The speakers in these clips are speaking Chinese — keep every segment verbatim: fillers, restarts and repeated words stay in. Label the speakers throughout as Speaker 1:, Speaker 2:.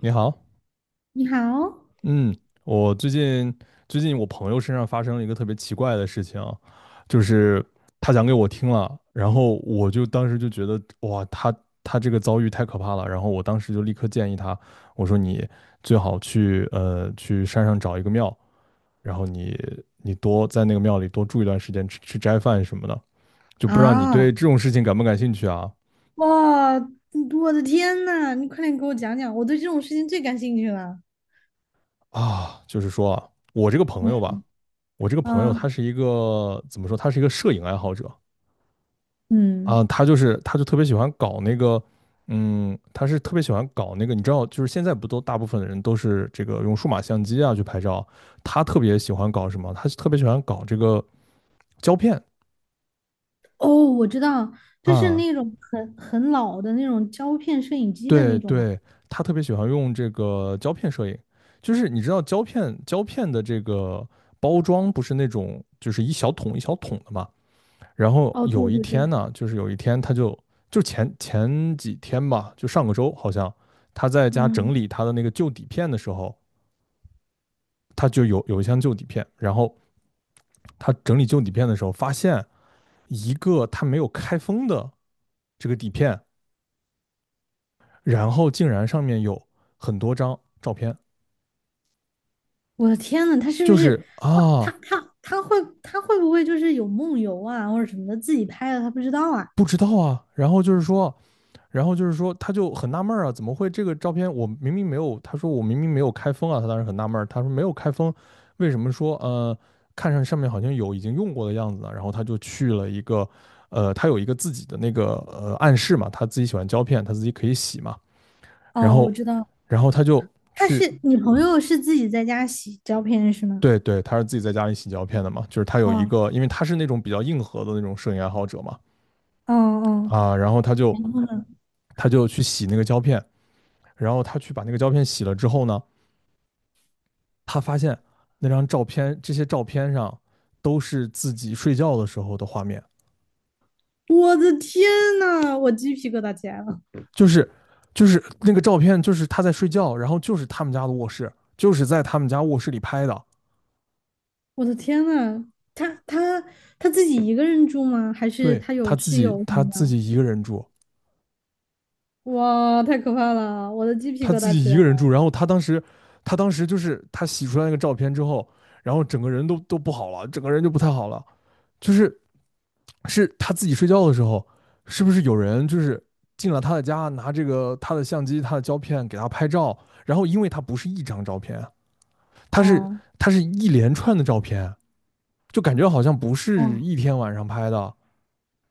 Speaker 1: 你好。
Speaker 2: 你好
Speaker 1: 嗯，我最近最近我朋友身上发生了一个特别奇怪的事情，就是他讲给我听了，然后我就当时就觉得哇，他他这个遭遇太可怕了。然后我当时就立刻建议他，我说你最好去呃去山上找一个庙，然后你你多在那个庙里多住一段时间，吃吃斋饭什么的，就不知道你
Speaker 2: 啊！
Speaker 1: 对这种事情感不感兴趣啊？
Speaker 2: 哇，我的天呐，你快点给我讲讲，我对这种事情最感兴趣了。
Speaker 1: 啊，就是说啊，我这个朋
Speaker 2: 嗯
Speaker 1: 友吧，我这个朋友
Speaker 2: 啊，
Speaker 1: 他是一个，怎么说，他是一个摄影爱好者。
Speaker 2: 嗯，
Speaker 1: 啊，他就是他就特别喜欢搞那个。嗯，他是特别喜欢搞那个，你知道，就是现在不都大部分的人都是这个用数码相机啊去拍照。他特别喜欢搞什么？他特别喜欢搞这个胶片。
Speaker 2: 哦，我知道，就是
Speaker 1: 啊，
Speaker 2: 那种很很老的那种胶片摄影机的
Speaker 1: 对
Speaker 2: 那种嘛。
Speaker 1: 对，他特别喜欢用这个胶片摄影。就是你知道胶片胶片的这个包装不是那种就是一小桶一小桶的嘛。然后
Speaker 2: 哦，
Speaker 1: 有
Speaker 2: 对
Speaker 1: 一
Speaker 2: 对对，
Speaker 1: 天呢，就是有一天他就就前前几天吧，就上个周好像他在家整
Speaker 2: 嗯，
Speaker 1: 理他的那个旧底片的时候，他就有有一箱旧底片。然后他整理旧底片的时候发现一个他没有开封的这个底片，然后竟然上面有很多张照片。
Speaker 2: 我的天呐，他是不
Speaker 1: 就
Speaker 2: 是
Speaker 1: 是
Speaker 2: 哇？他
Speaker 1: 啊，
Speaker 2: 他他会他会不会就是有梦游啊，或者什么的，自己拍的他不知道啊？
Speaker 1: 不知道啊。然后就是说然后就是说，他就很纳闷儿啊，怎么会这个照片我明明没有？他说我明明没有开封啊。他当时很纳闷儿，他说没有开封，为什么说呃看上上面好像有已经用过的样子呢？然后他就去了一个，呃，他有一个自己的那个呃暗示嘛，他自己喜欢胶片，他自己可以洗嘛。然
Speaker 2: 哦，我
Speaker 1: 后
Speaker 2: 知道，
Speaker 1: 然后他就
Speaker 2: 他
Speaker 1: 去。
Speaker 2: 是你朋友是自己在家洗胶片是吗？
Speaker 1: 对对，他是自己在家里洗胶片的嘛，就是他有一
Speaker 2: 哦
Speaker 1: 个，因为他是那种比较硬核的那种摄影爱好者嘛。
Speaker 2: 哦哦，
Speaker 1: 啊，然后他就他就去洗那个胶片。然后他去把那个胶片洗了之后呢，他发现那张照片，这些照片上都是自己睡觉的时候的画面。
Speaker 2: 我的天呐，我鸡皮疙瘩起来了！
Speaker 1: 就是就是那个照片，就是他在睡觉，然后就是他们家的卧室，就是在他们家卧室里拍的。
Speaker 2: 我的天呐，他他他自己一个人住吗？还是
Speaker 1: 对
Speaker 2: 他
Speaker 1: 他
Speaker 2: 有
Speaker 1: 自
Speaker 2: 室
Speaker 1: 己，
Speaker 2: 友什
Speaker 1: 他
Speaker 2: 么
Speaker 1: 自
Speaker 2: 的？
Speaker 1: 己一个人住，
Speaker 2: 哇，太可怕了！我的鸡皮
Speaker 1: 他
Speaker 2: 疙
Speaker 1: 自
Speaker 2: 瘩起
Speaker 1: 己一
Speaker 2: 来
Speaker 1: 个人
Speaker 2: 了
Speaker 1: 住。然后他当时，他当时就是他洗出来那个照片之后，然后整个人都都不好了，整个人就不太好了。就是，是他自己睡觉的时候，是不是有人就是进了他的家，拿这个他的相机、他的胶片给他拍照？然后因为他不是一张照片啊，他是
Speaker 2: 啊！
Speaker 1: 他是一连串的照片，就感觉好像不
Speaker 2: 哇，
Speaker 1: 是一天晚上拍的。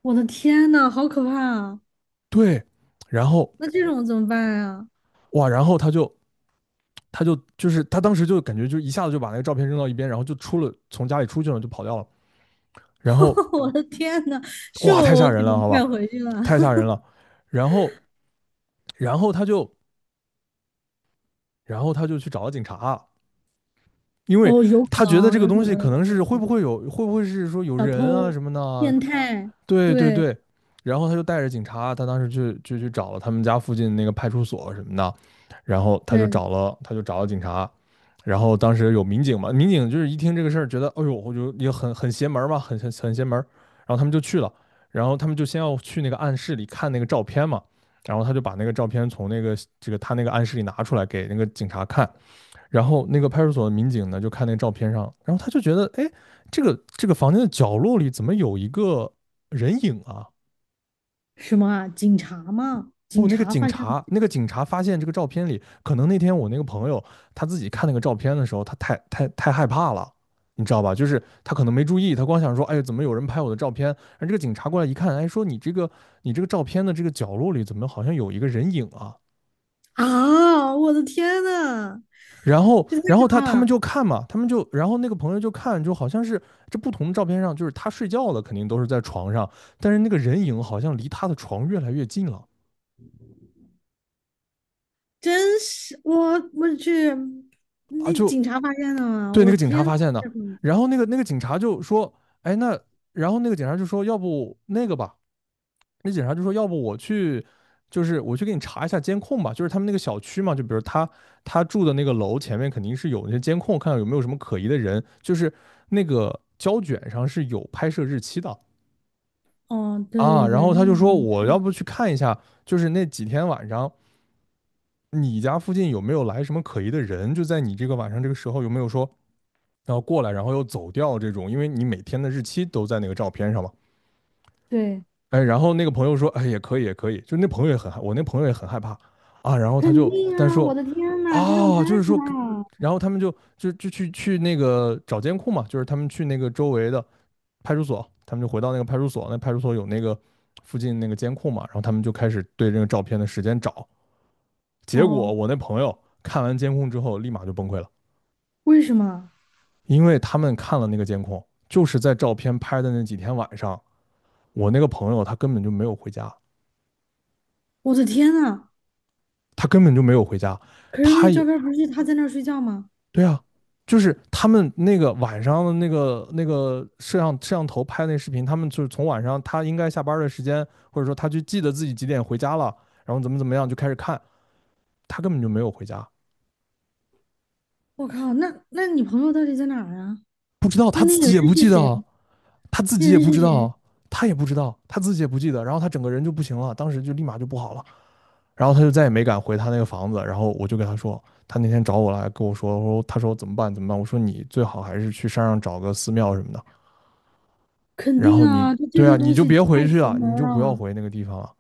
Speaker 2: 我的天呐，好可怕啊！
Speaker 1: 对。然后
Speaker 2: 那这种怎么办啊？
Speaker 1: 哇，然后他就他就就是他当时就感觉就一下子就把那个照片扔到一边，然后就出了从家里出去了，就跑掉了。然后
Speaker 2: 我的天呐，是
Speaker 1: 哇，太
Speaker 2: 我，
Speaker 1: 吓
Speaker 2: 我肯
Speaker 1: 人了，
Speaker 2: 定
Speaker 1: 好
Speaker 2: 不
Speaker 1: 吧，
Speaker 2: 敢回去了。
Speaker 1: 太吓人了。然后然后他就然后他就去找了警察。因 为
Speaker 2: 哦，有可
Speaker 1: 他觉得
Speaker 2: 能，
Speaker 1: 这个
Speaker 2: 有
Speaker 1: 东
Speaker 2: 可
Speaker 1: 西
Speaker 2: 能，有
Speaker 1: 可
Speaker 2: 可
Speaker 1: 能是
Speaker 2: 能，
Speaker 1: 会不会有，会不会是说有
Speaker 2: 小
Speaker 1: 人啊
Speaker 2: 偷、
Speaker 1: 什么的啊。
Speaker 2: 变态，
Speaker 1: 对对
Speaker 2: 对
Speaker 1: 对。然后他就带着警察，他当时就就去找了他们家附近那个派出所什么的。然后他就
Speaker 2: 对，
Speaker 1: 找了他就找了警察。然后当时有民警嘛，民警就是一听这个事儿，觉得哎呦，我就也很很邪门嘛，很很很邪门。然后他们就去了，然后他们就先要去那个暗室里看那个照片嘛。然后他就把那个照片从那个这个他那个暗室里拿出来给那个警察看。然后那个派出所的民警呢，就看那个照片上，然后他就觉得，哎，这个这个房间的角落里怎么有一个人影啊？
Speaker 2: 什么啊？警察吗？
Speaker 1: 不，
Speaker 2: 警
Speaker 1: 那个
Speaker 2: 察
Speaker 1: 警
Speaker 2: 发现
Speaker 1: 察，那个警察发现这个照片里，可能那天我那个朋友他自己看那个照片的时候，他太太太害怕了。你知道吧？就是他可能没注意，他光想说，哎，怎么有人拍我的照片？然后这个警察过来一看，哎，说你这个你这个照片的这个角落里怎么好像有一个人影啊？
Speaker 2: 啊！我的天呐！
Speaker 1: 然后，
Speaker 2: 是
Speaker 1: 然
Speaker 2: 可
Speaker 1: 后他
Speaker 2: 怕
Speaker 1: 他们
Speaker 2: 了，
Speaker 1: 就看嘛，他们就，然后那个朋友就看，就好像是这不同的照片上，就是他睡觉了，肯定都是在床上，但是那个人影好像离他的床越来越近了。
Speaker 2: 真是我我去，
Speaker 1: 啊，
Speaker 2: 那
Speaker 1: 就
Speaker 2: 警察发现了吗？
Speaker 1: 对，那
Speaker 2: 我
Speaker 1: 个警察
Speaker 2: 天呐，
Speaker 1: 发现的。
Speaker 2: 这种
Speaker 1: 然后那个那个警察就说，哎，那然后那个警察就说，要不那个吧。那警察就说，要不我去，就是我去给你查一下监控吧。就是他们那个小区嘛，就比如他他住的那个楼前面肯定是有那些监控，看看有没有什么可疑的人，就是那个胶卷上是有拍摄日期的。
Speaker 2: 哦，
Speaker 1: 啊，
Speaker 2: 对对
Speaker 1: 然
Speaker 2: 对，
Speaker 1: 后他
Speaker 2: 那
Speaker 1: 就
Speaker 2: 个
Speaker 1: 说
Speaker 2: 没
Speaker 1: 我
Speaker 2: 看
Speaker 1: 要
Speaker 2: 到，
Speaker 1: 不去看一下，就是那几天晚上你家附近有没有来什么可疑的人，就在你这个晚上这个时候有没有说然后过来，然后又走掉这种，因为你每天的日期都在那个照片上嘛。
Speaker 2: 对，
Speaker 1: 哎，然后那个朋友说，哎，也可以，也可以，就那朋友也很害，我那朋友也很害怕。啊，然后他
Speaker 2: 肯
Speaker 1: 就
Speaker 2: 定
Speaker 1: 但
Speaker 2: 啊！我
Speaker 1: 说，
Speaker 2: 的天呐，这种
Speaker 1: 哦，就
Speaker 2: 太
Speaker 1: 是
Speaker 2: 可
Speaker 1: 说，
Speaker 2: 怕了。
Speaker 1: 然后他们就就就去去那个找监控嘛。就是他们去那个周围的派出所，他们就回到那个派出所，那派出所有那个附近那个监控嘛，然后他们就开始对这个照片的时间找。结果
Speaker 2: 哦，
Speaker 1: 我那朋友看完监控之后立马就崩溃了。
Speaker 2: 为什么？
Speaker 1: 因为他们看了那个监控，就是在照片拍的那几天晚上，我那个朋友他根本就没有回家，
Speaker 2: 我的天呐！
Speaker 1: 他根本就没有回家。
Speaker 2: 可是那
Speaker 1: 他
Speaker 2: 个照
Speaker 1: 也。
Speaker 2: 片不是他在那儿睡觉吗？
Speaker 1: 对啊。就是他们那个晚上的那个那个摄像摄像头拍那视频，他们就是从晚上他应该下班的时间，或者说他就记得自己几点回家了，然后怎么怎么样就开始看，他根本就没有回家。
Speaker 2: 我靠，那那你朋友到底在哪儿啊？
Speaker 1: 不知道
Speaker 2: 那
Speaker 1: 他
Speaker 2: 那
Speaker 1: 自
Speaker 2: 个
Speaker 1: 己也
Speaker 2: 人
Speaker 1: 不
Speaker 2: 是
Speaker 1: 记得。
Speaker 2: 谁？
Speaker 1: 他自
Speaker 2: 那
Speaker 1: 己也
Speaker 2: 人
Speaker 1: 不
Speaker 2: 是
Speaker 1: 知
Speaker 2: 谁？
Speaker 1: 道。他也不知道，他自己也不记得。然后他整个人就不行了，当时就立马就不好了，然后他就再也没敢回他那个房子。然后我就跟他说，他那天找我来跟我说，我说他说怎么办怎么办，我说你最好还是去山上找个寺庙什么的。
Speaker 2: 肯
Speaker 1: 然后
Speaker 2: 定
Speaker 1: 你。
Speaker 2: 啊，就这
Speaker 1: 对啊，
Speaker 2: 个
Speaker 1: 你
Speaker 2: 东
Speaker 1: 就
Speaker 2: 西
Speaker 1: 别回
Speaker 2: 太
Speaker 1: 去
Speaker 2: 邪
Speaker 1: 了，
Speaker 2: 门
Speaker 1: 你
Speaker 2: 儿
Speaker 1: 就不要
Speaker 2: 了，
Speaker 1: 回那个地方了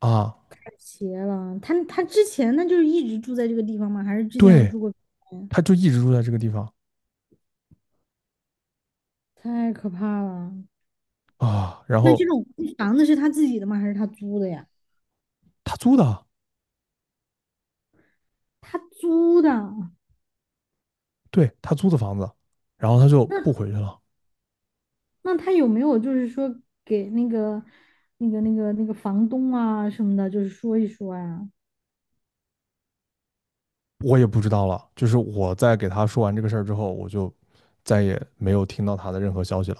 Speaker 1: 啊。
Speaker 2: 太邪了。他他之前那就是一直住在这个地方吗？还是之前我
Speaker 1: 对，
Speaker 2: 住过？
Speaker 1: 他就一直住在这个地方
Speaker 2: 太可怕了。
Speaker 1: 啊。然
Speaker 2: 那
Speaker 1: 后
Speaker 2: 这种房子是他自己的吗？还是他租的呀？
Speaker 1: 他租的，
Speaker 2: 他租的，
Speaker 1: 对他租的房子，然后他就不回去了。
Speaker 2: 那他有没有就是说给那个、那个、那个、那个房东啊什么的，就是说一说呀？
Speaker 1: 我也不知道了。就是我在给他说完这个事儿之后，我就再也没有听到他的任何消息了。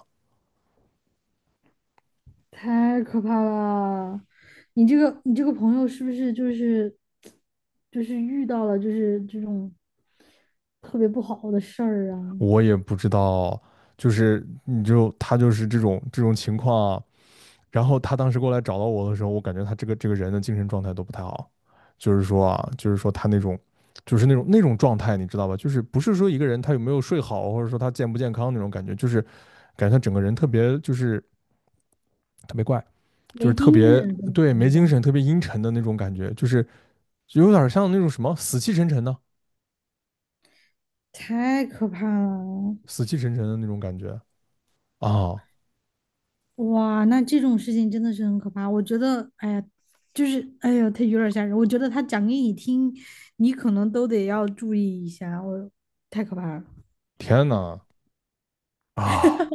Speaker 2: 太可怕了！你这个你这个朋友是不是就是就是遇到了就是这种特别不好的事儿啊？
Speaker 1: 我也不知道，就是你就他就是这种这种情况啊。然后他当时过来找到我的时候，我感觉他这个这个人的精神状态都不太好，就是说啊，就是说他那种。就是那种那种状态，你知道吧？就是不是说一个人他有没有睡好，或者说他健不健康那种感觉，就是感觉他整个人特别就是特别怪。就
Speaker 2: 没
Speaker 1: 是特
Speaker 2: 精
Speaker 1: 别，
Speaker 2: 神，怎么
Speaker 1: 对，
Speaker 2: 怎
Speaker 1: 没
Speaker 2: 么
Speaker 1: 精
Speaker 2: 的？
Speaker 1: 神、特别阴沉的那种感觉。就是就有点像那种什么死气沉沉的、
Speaker 2: 太可怕了！
Speaker 1: 死气沉沉的那种感觉啊！
Speaker 2: 哇，那这种事情真的是很可怕。我觉得，哎呀，就是，哎呀，他有点吓人。我觉得他讲给你听，你可能都得要注意一下。我太可怕了。
Speaker 1: 天呐。啊，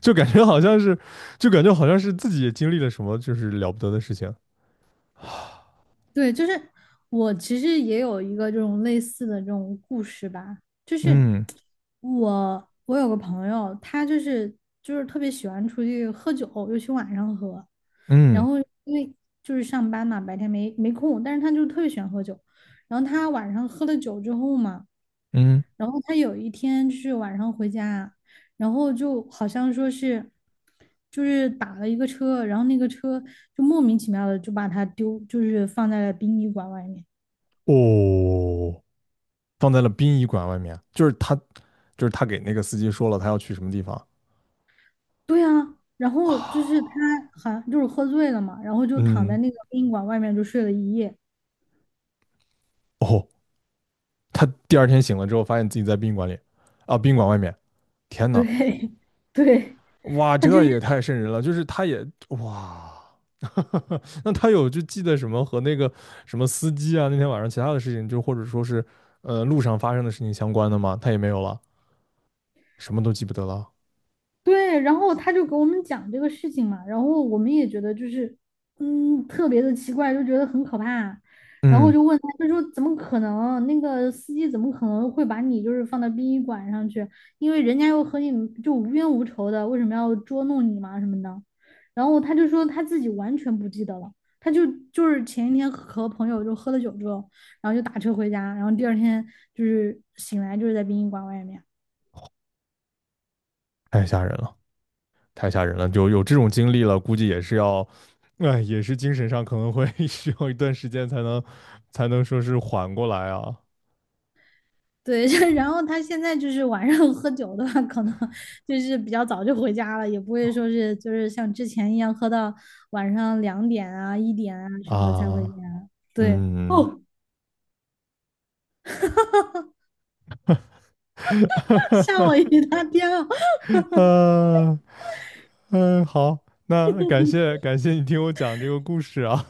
Speaker 1: 就感觉好像是，就感觉好像是自己也经历了什么就是了不得的事情。
Speaker 2: 对，就是我其实也有一个这种类似的这种故事吧，就是
Speaker 1: 嗯
Speaker 2: 我我有个朋友，他就是就是特别喜欢出去喝酒，尤其晚上喝。然
Speaker 1: 嗯
Speaker 2: 后因为就是上班嘛，白天没没空，但是他就特别喜欢喝酒。然后他晚上喝了酒之后嘛。
Speaker 1: 嗯。
Speaker 2: 然后他有一天就是晚上回家，然后就好像说是，就是打了一个车，然后那个车就莫名其妙的就把他丢，就是放在了殡仪馆外面。
Speaker 1: 哦，放在了殡仪馆外面，就是他，就是他给那个司机说了他要去什么地方
Speaker 2: 对啊，然后就是
Speaker 1: 啊？
Speaker 2: 他好像就是喝醉了嘛，然后就躺在
Speaker 1: 嗯。
Speaker 2: 那个殡仪馆外面就睡了一夜。
Speaker 1: 哦，他第二天醒了之后，发现自己在宾馆里啊，宾馆外面。天呐。
Speaker 2: 对，对，
Speaker 1: 哇，
Speaker 2: 他就。
Speaker 1: 这也太瘆人了！就是他也哇。那他有就记得什么和那个什么司机啊，那天晚上其他的事情，就或者说是呃路上发生的事情相关的吗？他也没有了，什么都记不得了。
Speaker 2: 对，然后他就给我们讲这个事情嘛，然后我们也觉得就是，嗯，特别的奇怪，就觉得很可怕，然后
Speaker 1: 嗯。
Speaker 2: 就问他，就说怎么可能？那个司机怎么可能会把你就是放到殡仪馆上去？因为人家又和你就无冤无仇的，为什么要捉弄你嘛什么的？然后他就说他自己完全不记得了，他就就是前一天和朋友就喝了酒之后，然后就打车回家，然后第二天就是醒来就是在殡仪馆外面。
Speaker 1: 太吓人了，太吓人了。就有这种经历了，估计也是要，哎，也是精神上可能会 需要一段时间才能才能说是缓过来啊。
Speaker 2: 对，就然后他现在就是晚上 喝酒的话，可能就是比较早就回家了，也不会说是就是像之前一样喝到晚上两点啊、一点啊什么的才回
Speaker 1: 啊。
Speaker 2: 家。对，
Speaker 1: 嗯。
Speaker 2: 哦，吓 我一大跳。
Speaker 1: 呃，嗯，好，那感谢感谢你听我讲这个故事啊。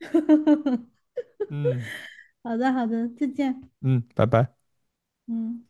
Speaker 1: 嗯
Speaker 2: 好的，好的，再见。
Speaker 1: 嗯，拜拜。
Speaker 2: 嗯。